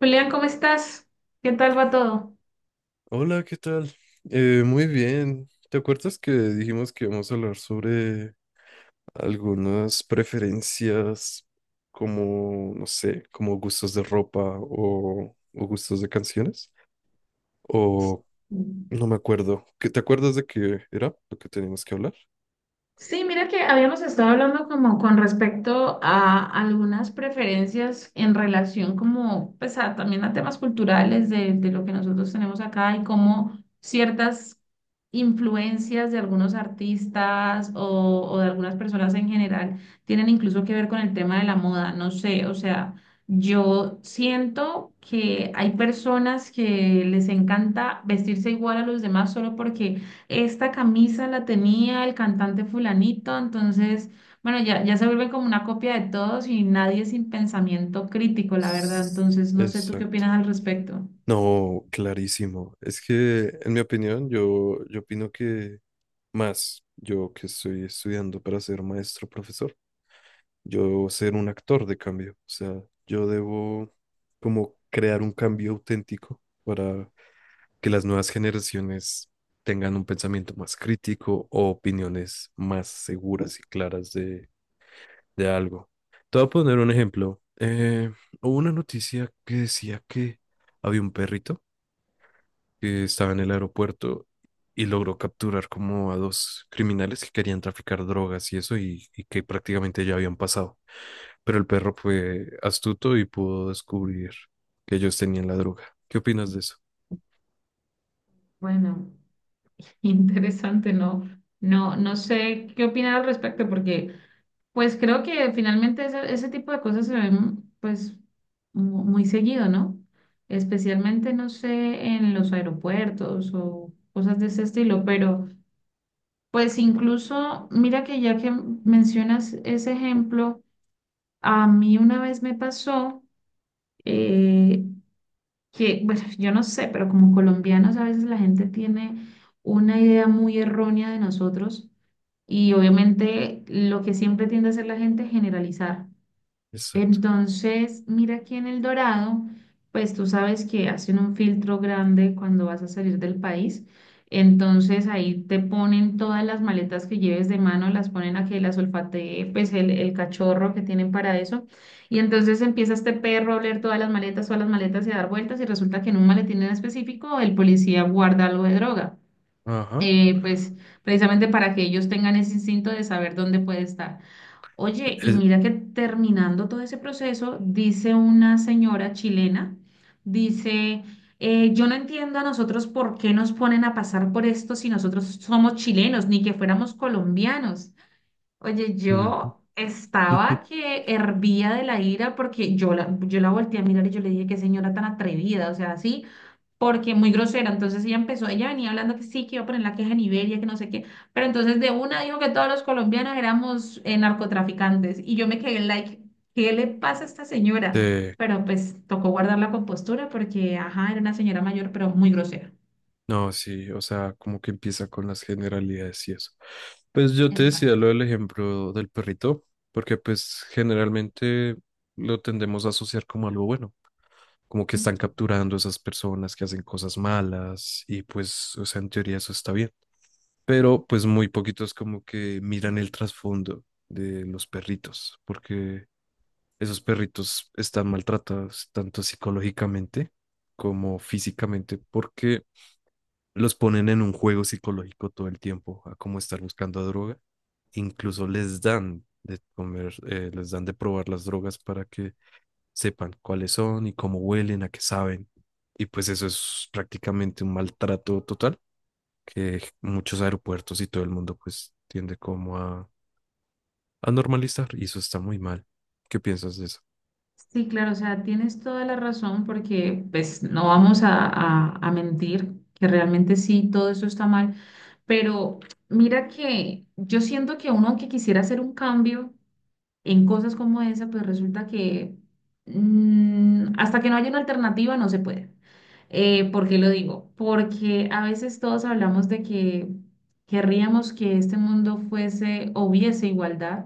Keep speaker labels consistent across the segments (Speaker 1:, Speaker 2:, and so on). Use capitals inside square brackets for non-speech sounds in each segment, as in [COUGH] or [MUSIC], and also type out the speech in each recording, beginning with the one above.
Speaker 1: Julián, ¿cómo estás? ¿Qué tal va todo?
Speaker 2: Hola, ¿qué tal? Muy bien. ¿Te acuerdas que dijimos que íbamos a hablar sobre algunas preferencias como, no sé, como gustos de ropa o gustos de canciones?
Speaker 1: Sí.
Speaker 2: O no me acuerdo. ¿Te acuerdas de qué era lo que teníamos que hablar?
Speaker 1: Sí, mira que habíamos estado hablando como con respecto a algunas preferencias en relación como pues también a temas culturales de lo que nosotros tenemos acá y cómo ciertas influencias de algunos artistas o de algunas personas en general tienen incluso que ver con el tema de la moda. No sé, o sea, yo siento que hay personas que les encanta vestirse igual a los demás solo porque esta camisa la tenía el cantante fulanito, entonces, bueno, ya se vuelve como una copia de todos y nadie sin pensamiento crítico, la verdad.
Speaker 2: S-
Speaker 1: Entonces, no sé tú qué
Speaker 2: Exacto.
Speaker 1: opinas al respecto.
Speaker 2: No, clarísimo. Es que, en mi opinión, yo opino que más, yo que estoy estudiando para ser maestro profesor. Yo ser un actor de cambio. O sea, yo debo como crear un cambio auténtico para que las nuevas generaciones tengan un pensamiento más crítico o opiniones más seguras y claras de algo. Te voy a poner un ejemplo. Hubo una noticia que decía que había un perrito que estaba en el aeropuerto y logró capturar como a dos criminales que querían traficar drogas y eso y que prácticamente ya habían pasado, pero el perro fue astuto y pudo descubrir que ellos tenían la droga. ¿Qué opinas de eso?
Speaker 1: Bueno, interesante, no, no sé qué opinar al respecto, porque pues creo que finalmente ese tipo de cosas se ven pues muy seguido, ¿no? Especialmente, no sé, en los aeropuertos o cosas de ese estilo, pero pues incluso, mira que ya que mencionas ese ejemplo, a mí una vez me pasó eh, que, bueno, [LAUGHS] yo no sé, pero como colombianos a veces la gente tiene una idea muy errónea de nosotros y obviamente lo que siempre tiende a hacer la gente es generalizar.
Speaker 2: Exacto.
Speaker 1: Entonces, mira aquí en El Dorado, pues tú sabes que hacen un filtro grande cuando vas a salir del país. Entonces ahí te ponen todas las maletas que lleves de mano, las ponen a que las olfatee, pues el cachorro que tienen para eso. Y entonces empieza este perro a oler todas las maletas y a dar vueltas y resulta que en un maletín en específico el policía guarda algo de droga,
Speaker 2: Ajá.
Speaker 1: pues precisamente para que ellos tengan ese instinto de saber dónde puede estar. Oye, y
Speaker 2: Es-
Speaker 1: mira que terminando todo ese proceso, dice una señora chilena, dice, yo no entiendo a nosotros por qué nos ponen a pasar por esto si nosotros somos chilenos, ni que fuéramos colombianos. Oye,
Speaker 2: Ujú.
Speaker 1: yo estaba
Speaker 2: [LAUGHS]
Speaker 1: que hervía de la ira porque yo la volteé a mirar y yo le dije, qué señora tan atrevida, o sea, así porque muy grosera. Entonces ella empezó, ella venía hablando que sí, que iba a poner la queja en Iberia, que no sé qué, pero entonces de una dijo que todos los colombianos éramos narcotraficantes y yo me quedé like, ¿qué le pasa a esta señora?
Speaker 2: Eh,
Speaker 1: Pero pues tocó guardar la compostura porque, ajá, era una señora mayor, pero muy grosera.
Speaker 2: no, sí, o sea, como que empieza con las generalidades y eso. Pues yo te decía
Speaker 1: Exacto.
Speaker 2: lo del ejemplo del perrito, porque pues generalmente lo tendemos a asociar como algo bueno, como que
Speaker 1: Ujú.
Speaker 2: están capturando esas personas que hacen cosas malas y pues, o sea, en teoría eso está bien, pero pues muy poquitos como que miran el trasfondo de los perritos, porque esos perritos están maltratados tanto psicológicamente como físicamente porque los ponen en un juego psicológico todo el tiempo, a como estar buscando droga. Incluso les dan de comer, les dan de probar las drogas para que sepan cuáles son y cómo huelen, a qué saben. Y pues eso es prácticamente un maltrato total que muchos aeropuertos y todo el mundo pues tiende como a normalizar y eso está muy mal. ¿Qué piensas de eso?
Speaker 1: Sí, claro, o sea, tienes toda la razón porque pues no vamos a, a mentir, que realmente sí, todo eso está mal, pero mira que yo siento que uno aunque quisiera hacer un cambio, en cosas como esa, pues resulta que hasta que no haya una alternativa no se puede. ¿Por qué lo digo? Porque a veces todos hablamos de que querríamos que este mundo fuese o hubiese igualdad,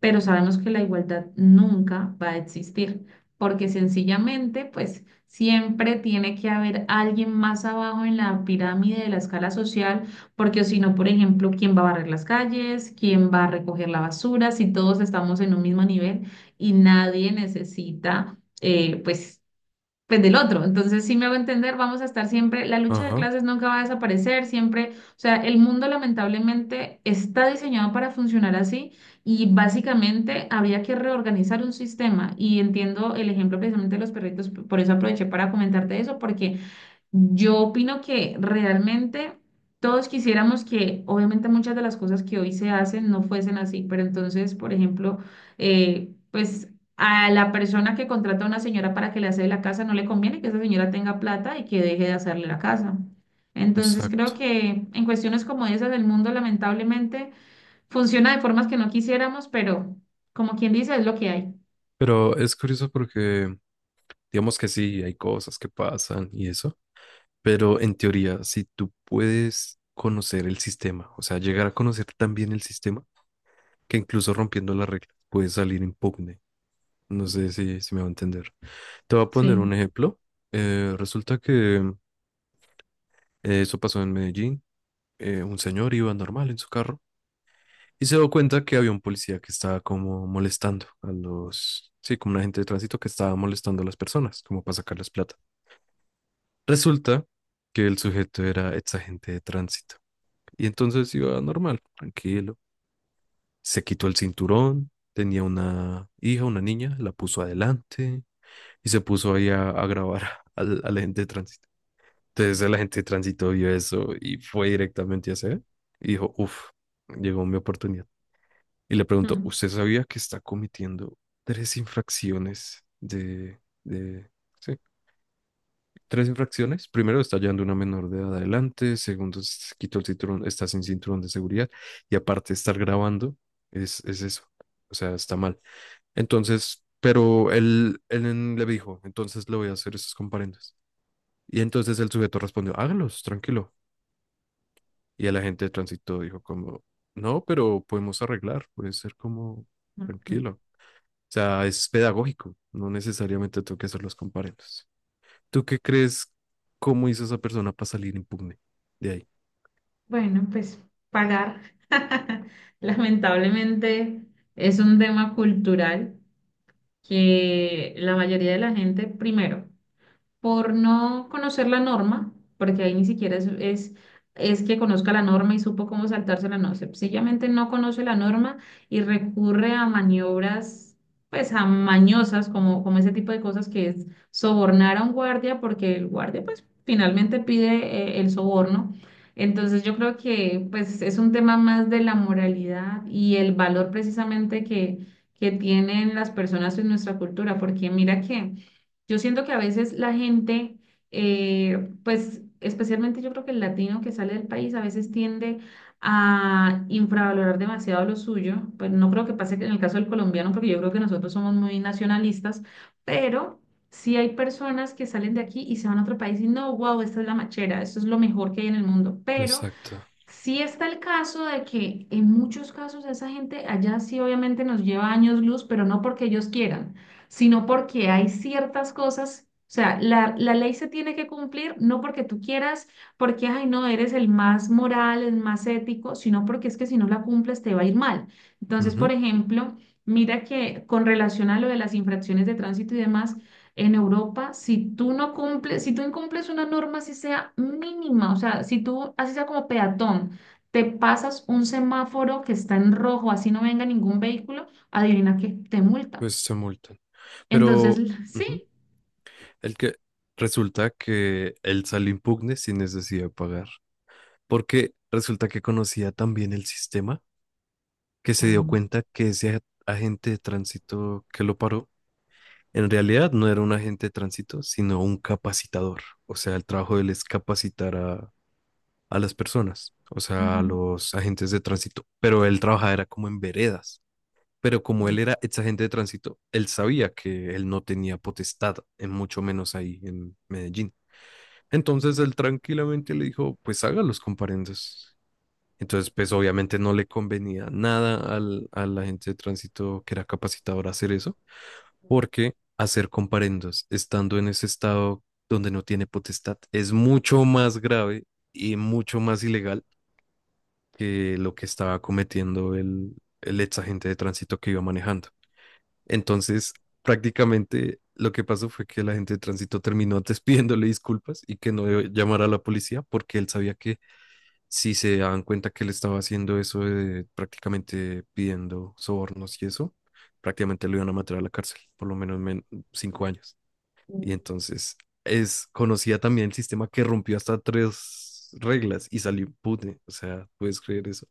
Speaker 1: pero sabemos que la igualdad nunca va a existir, porque sencillamente, pues siempre tiene que haber alguien más abajo en la pirámide de la escala social, porque si no, por ejemplo, ¿quién va a barrer las calles? ¿Quién va a recoger la basura? Si todos estamos en un mismo nivel y nadie necesita, pues del otro. Entonces, sí me hago entender, vamos a estar siempre, la lucha de
Speaker 2: Ajá,
Speaker 1: clases nunca va a desaparecer, siempre, o sea, el mundo lamentablemente está diseñado para funcionar así y básicamente habría que reorganizar un sistema y entiendo el ejemplo precisamente de los perritos, por eso aproveché para comentarte eso, porque yo opino que realmente todos quisiéramos que, obviamente, muchas de las cosas que hoy se hacen no fuesen así, pero entonces, por ejemplo, pues a la persona que contrata a una señora para que le hace la casa, no le conviene que esa señora tenga plata y que deje de hacerle la casa. Entonces, creo
Speaker 2: exacto.
Speaker 1: que en cuestiones como esas del mundo, lamentablemente, funciona de formas que no quisiéramos, pero como quien dice, es lo que hay.
Speaker 2: Pero es curioso porque digamos que sí, hay cosas que pasan y eso, pero en teoría, si tú puedes conocer el sistema, o sea, llegar a conocer tan bien el sistema, que incluso rompiendo las reglas puedes salir impugne. No sé si me va a entender. Te voy a poner
Speaker 1: Sí.
Speaker 2: un ejemplo. Resulta que eso pasó en Medellín. Un señor iba normal en su carro y se dio cuenta que había un policía que estaba como molestando a los, sí, como un agente de tránsito que estaba molestando a las personas, como para sacarles plata. Resulta que el sujeto era ex agente de tránsito y entonces iba normal, tranquilo. Se quitó el cinturón, tenía una hija, una niña, la puso adelante y se puso ahí a grabar [LAUGHS] al agente de tránsito. Entonces el agente de tránsito vio eso y fue directamente a hacer y dijo, uff, llegó mi oportunidad. Y le preguntó,
Speaker 1: Mm.
Speaker 2: ¿usted sabía que está cometiendo 3 infracciones sí, 3 infracciones? Primero, está llevando una menor de edad adelante. Segundo, se quitó el cinturón, está sin cinturón de seguridad. Y aparte, estar grabando es eso. O sea, está mal. Entonces, pero él le dijo, entonces le voy a hacer esos comparendos. Y entonces el sujeto respondió, hágalos, tranquilo. Y el agente de tránsito dijo como, no, pero podemos arreglar, puede ser como,
Speaker 1: Mm, mm.
Speaker 2: tranquilo. O sea, es pedagógico, no necesariamente tengo que hacer los comparendos. ¿Tú qué crees? ¿Cómo hizo esa persona para salir impugne de ahí?
Speaker 1: Bueno, pues pagar. [LAUGHS] Lamentablemente es un tema cultural que la mayoría de la gente, primero, por no conocer la norma, porque ahí ni siquiera es que conozca la norma y supo cómo saltársela, no, sencillamente no conoce la norma y recurre a maniobras, pues a mañosas, como ese tipo de cosas que es sobornar a un guardia, porque el guardia pues finalmente pide el soborno. Entonces yo creo que pues es un tema más de la moralidad y el valor precisamente que tienen las personas en nuestra cultura, porque mira que... Yo siento que a veces la gente, pues especialmente yo creo que el latino que sale del país a veces tiende a infravalorar demasiado lo suyo. Pues no creo que pase que en el caso del colombiano, porque yo creo que nosotros somos muy nacionalistas, pero sí hay personas que salen de aquí y se van a otro país y no, wow, esta es la machera, esto es lo mejor que hay en el mundo, pero
Speaker 2: Exacto.
Speaker 1: sí está el caso de que en muchos casos esa gente allá sí obviamente nos lleva años luz, pero no porque ellos quieran, sino porque hay ciertas cosas, o sea, la ley se tiene que cumplir no porque tú quieras, porque, ay, no, eres el más moral, el más ético, sino porque es que si no la cumples te va a ir mal. Entonces, por
Speaker 2: Ujú.
Speaker 1: ejemplo, mira que con relación a lo de las infracciones de tránsito y demás, en Europa, si tú no cumples, si tú incumples una norma, así sea mínima, o sea, si tú, así sea como peatón, te pasas un semáforo que está en rojo, así no venga ningún vehículo, adivina que te multan.
Speaker 2: Pues se multan.
Speaker 1: Entonces,
Speaker 2: Pero
Speaker 1: [LAUGHS]
Speaker 2: ujú,
Speaker 1: sí.
Speaker 2: el que resulta que él salió impugne sin necesidad de pagar. Porque resulta que conocía también el sistema que se dio
Speaker 1: Mm.
Speaker 2: cuenta que ese agente de tránsito que lo paró en realidad no era un agente de tránsito, sino un capacitador. O sea, el trabajo de él es capacitar a las personas, o sea,
Speaker 1: Ajá.
Speaker 2: a los agentes de tránsito, pero él trabajaba era como en veredas, pero como él era ex agente de tránsito, él sabía que él no tenía potestad, en mucho menos ahí en Medellín. Entonces él tranquilamente le dijo, pues haga los comparendos. Entonces, pues obviamente no le convenía nada al agente de tránsito que era capacitador hacer eso, porque hacer comparendos estando en ese estado donde no tiene potestad es mucho más grave y mucho más ilegal que lo que estaba cometiendo el ex agente de tránsito que iba manejando. Entonces, prácticamente lo que pasó fue que el agente de tránsito terminó [LAUGHS] antes pidiéndole disculpas y que no llamara a la policía porque él sabía que si se daban cuenta que él estaba haciendo eso de prácticamente pidiendo sobornos y eso, prácticamente lo iban a matar a la cárcel, por lo menos 5 años. Y entonces es conocía también el sistema que rompió hasta 3 reglas y salió impune. O sea, ¿puedes creer eso?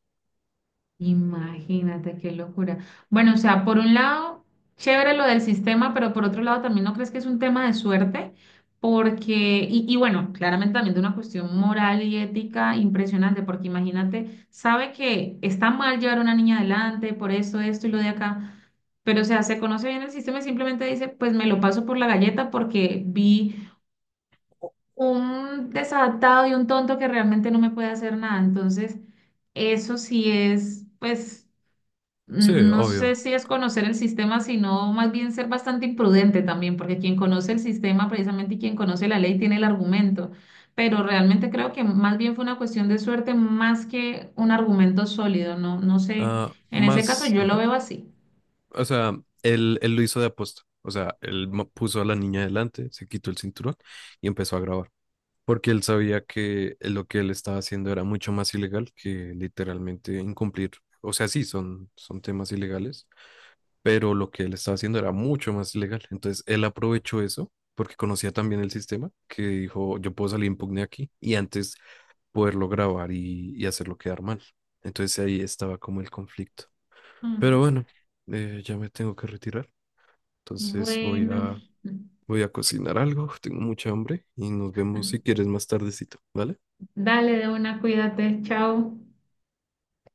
Speaker 1: Imagínate qué locura. Bueno, o sea, por un lado, chévere lo del sistema, pero por otro lado también no crees que es un tema de suerte, porque, y bueno, claramente también de una cuestión moral y ética impresionante, porque imagínate, sabe que está mal llevar a una niña adelante, por eso esto y lo de acá, pero o sea, se conoce bien el sistema y simplemente dice, pues me lo paso por la galleta porque vi un desadaptado y un tonto que realmente no me puede hacer nada. Entonces, eso sí es, pues
Speaker 2: Sí,
Speaker 1: no sé
Speaker 2: obvio.
Speaker 1: si es conocer el sistema, sino más bien ser bastante imprudente también, porque quien conoce el sistema, precisamente y quien conoce la ley, tiene el argumento. Pero realmente creo que más bien fue una cuestión de suerte más que un argumento sólido. No, no sé.
Speaker 2: Ah,
Speaker 1: En ese caso
Speaker 2: más,
Speaker 1: yo lo
Speaker 2: ujú.
Speaker 1: veo así.
Speaker 2: O sea, él lo hizo de aposta. O sea, él puso a la niña delante, se quitó el cinturón y empezó a grabar. Porque él sabía que lo que él estaba haciendo era mucho más ilegal que literalmente incumplir. O sea, sí, son temas ilegales, pero lo que él estaba haciendo era mucho más ilegal. Entonces, él aprovechó eso porque conocía también el sistema, que dijo, yo puedo salir impugne aquí y antes poderlo grabar y hacerlo quedar mal. Entonces ahí estaba como el conflicto. Pero
Speaker 1: Mm,
Speaker 2: bueno, ya me tengo que retirar. Entonces voy
Speaker 1: bueno,
Speaker 2: a,
Speaker 1: [LAUGHS]
Speaker 2: voy a cocinar algo. Tengo mucha hambre y nos vemos si quieres más tardecito, ¿vale?
Speaker 1: dale de una, cuídate, chao.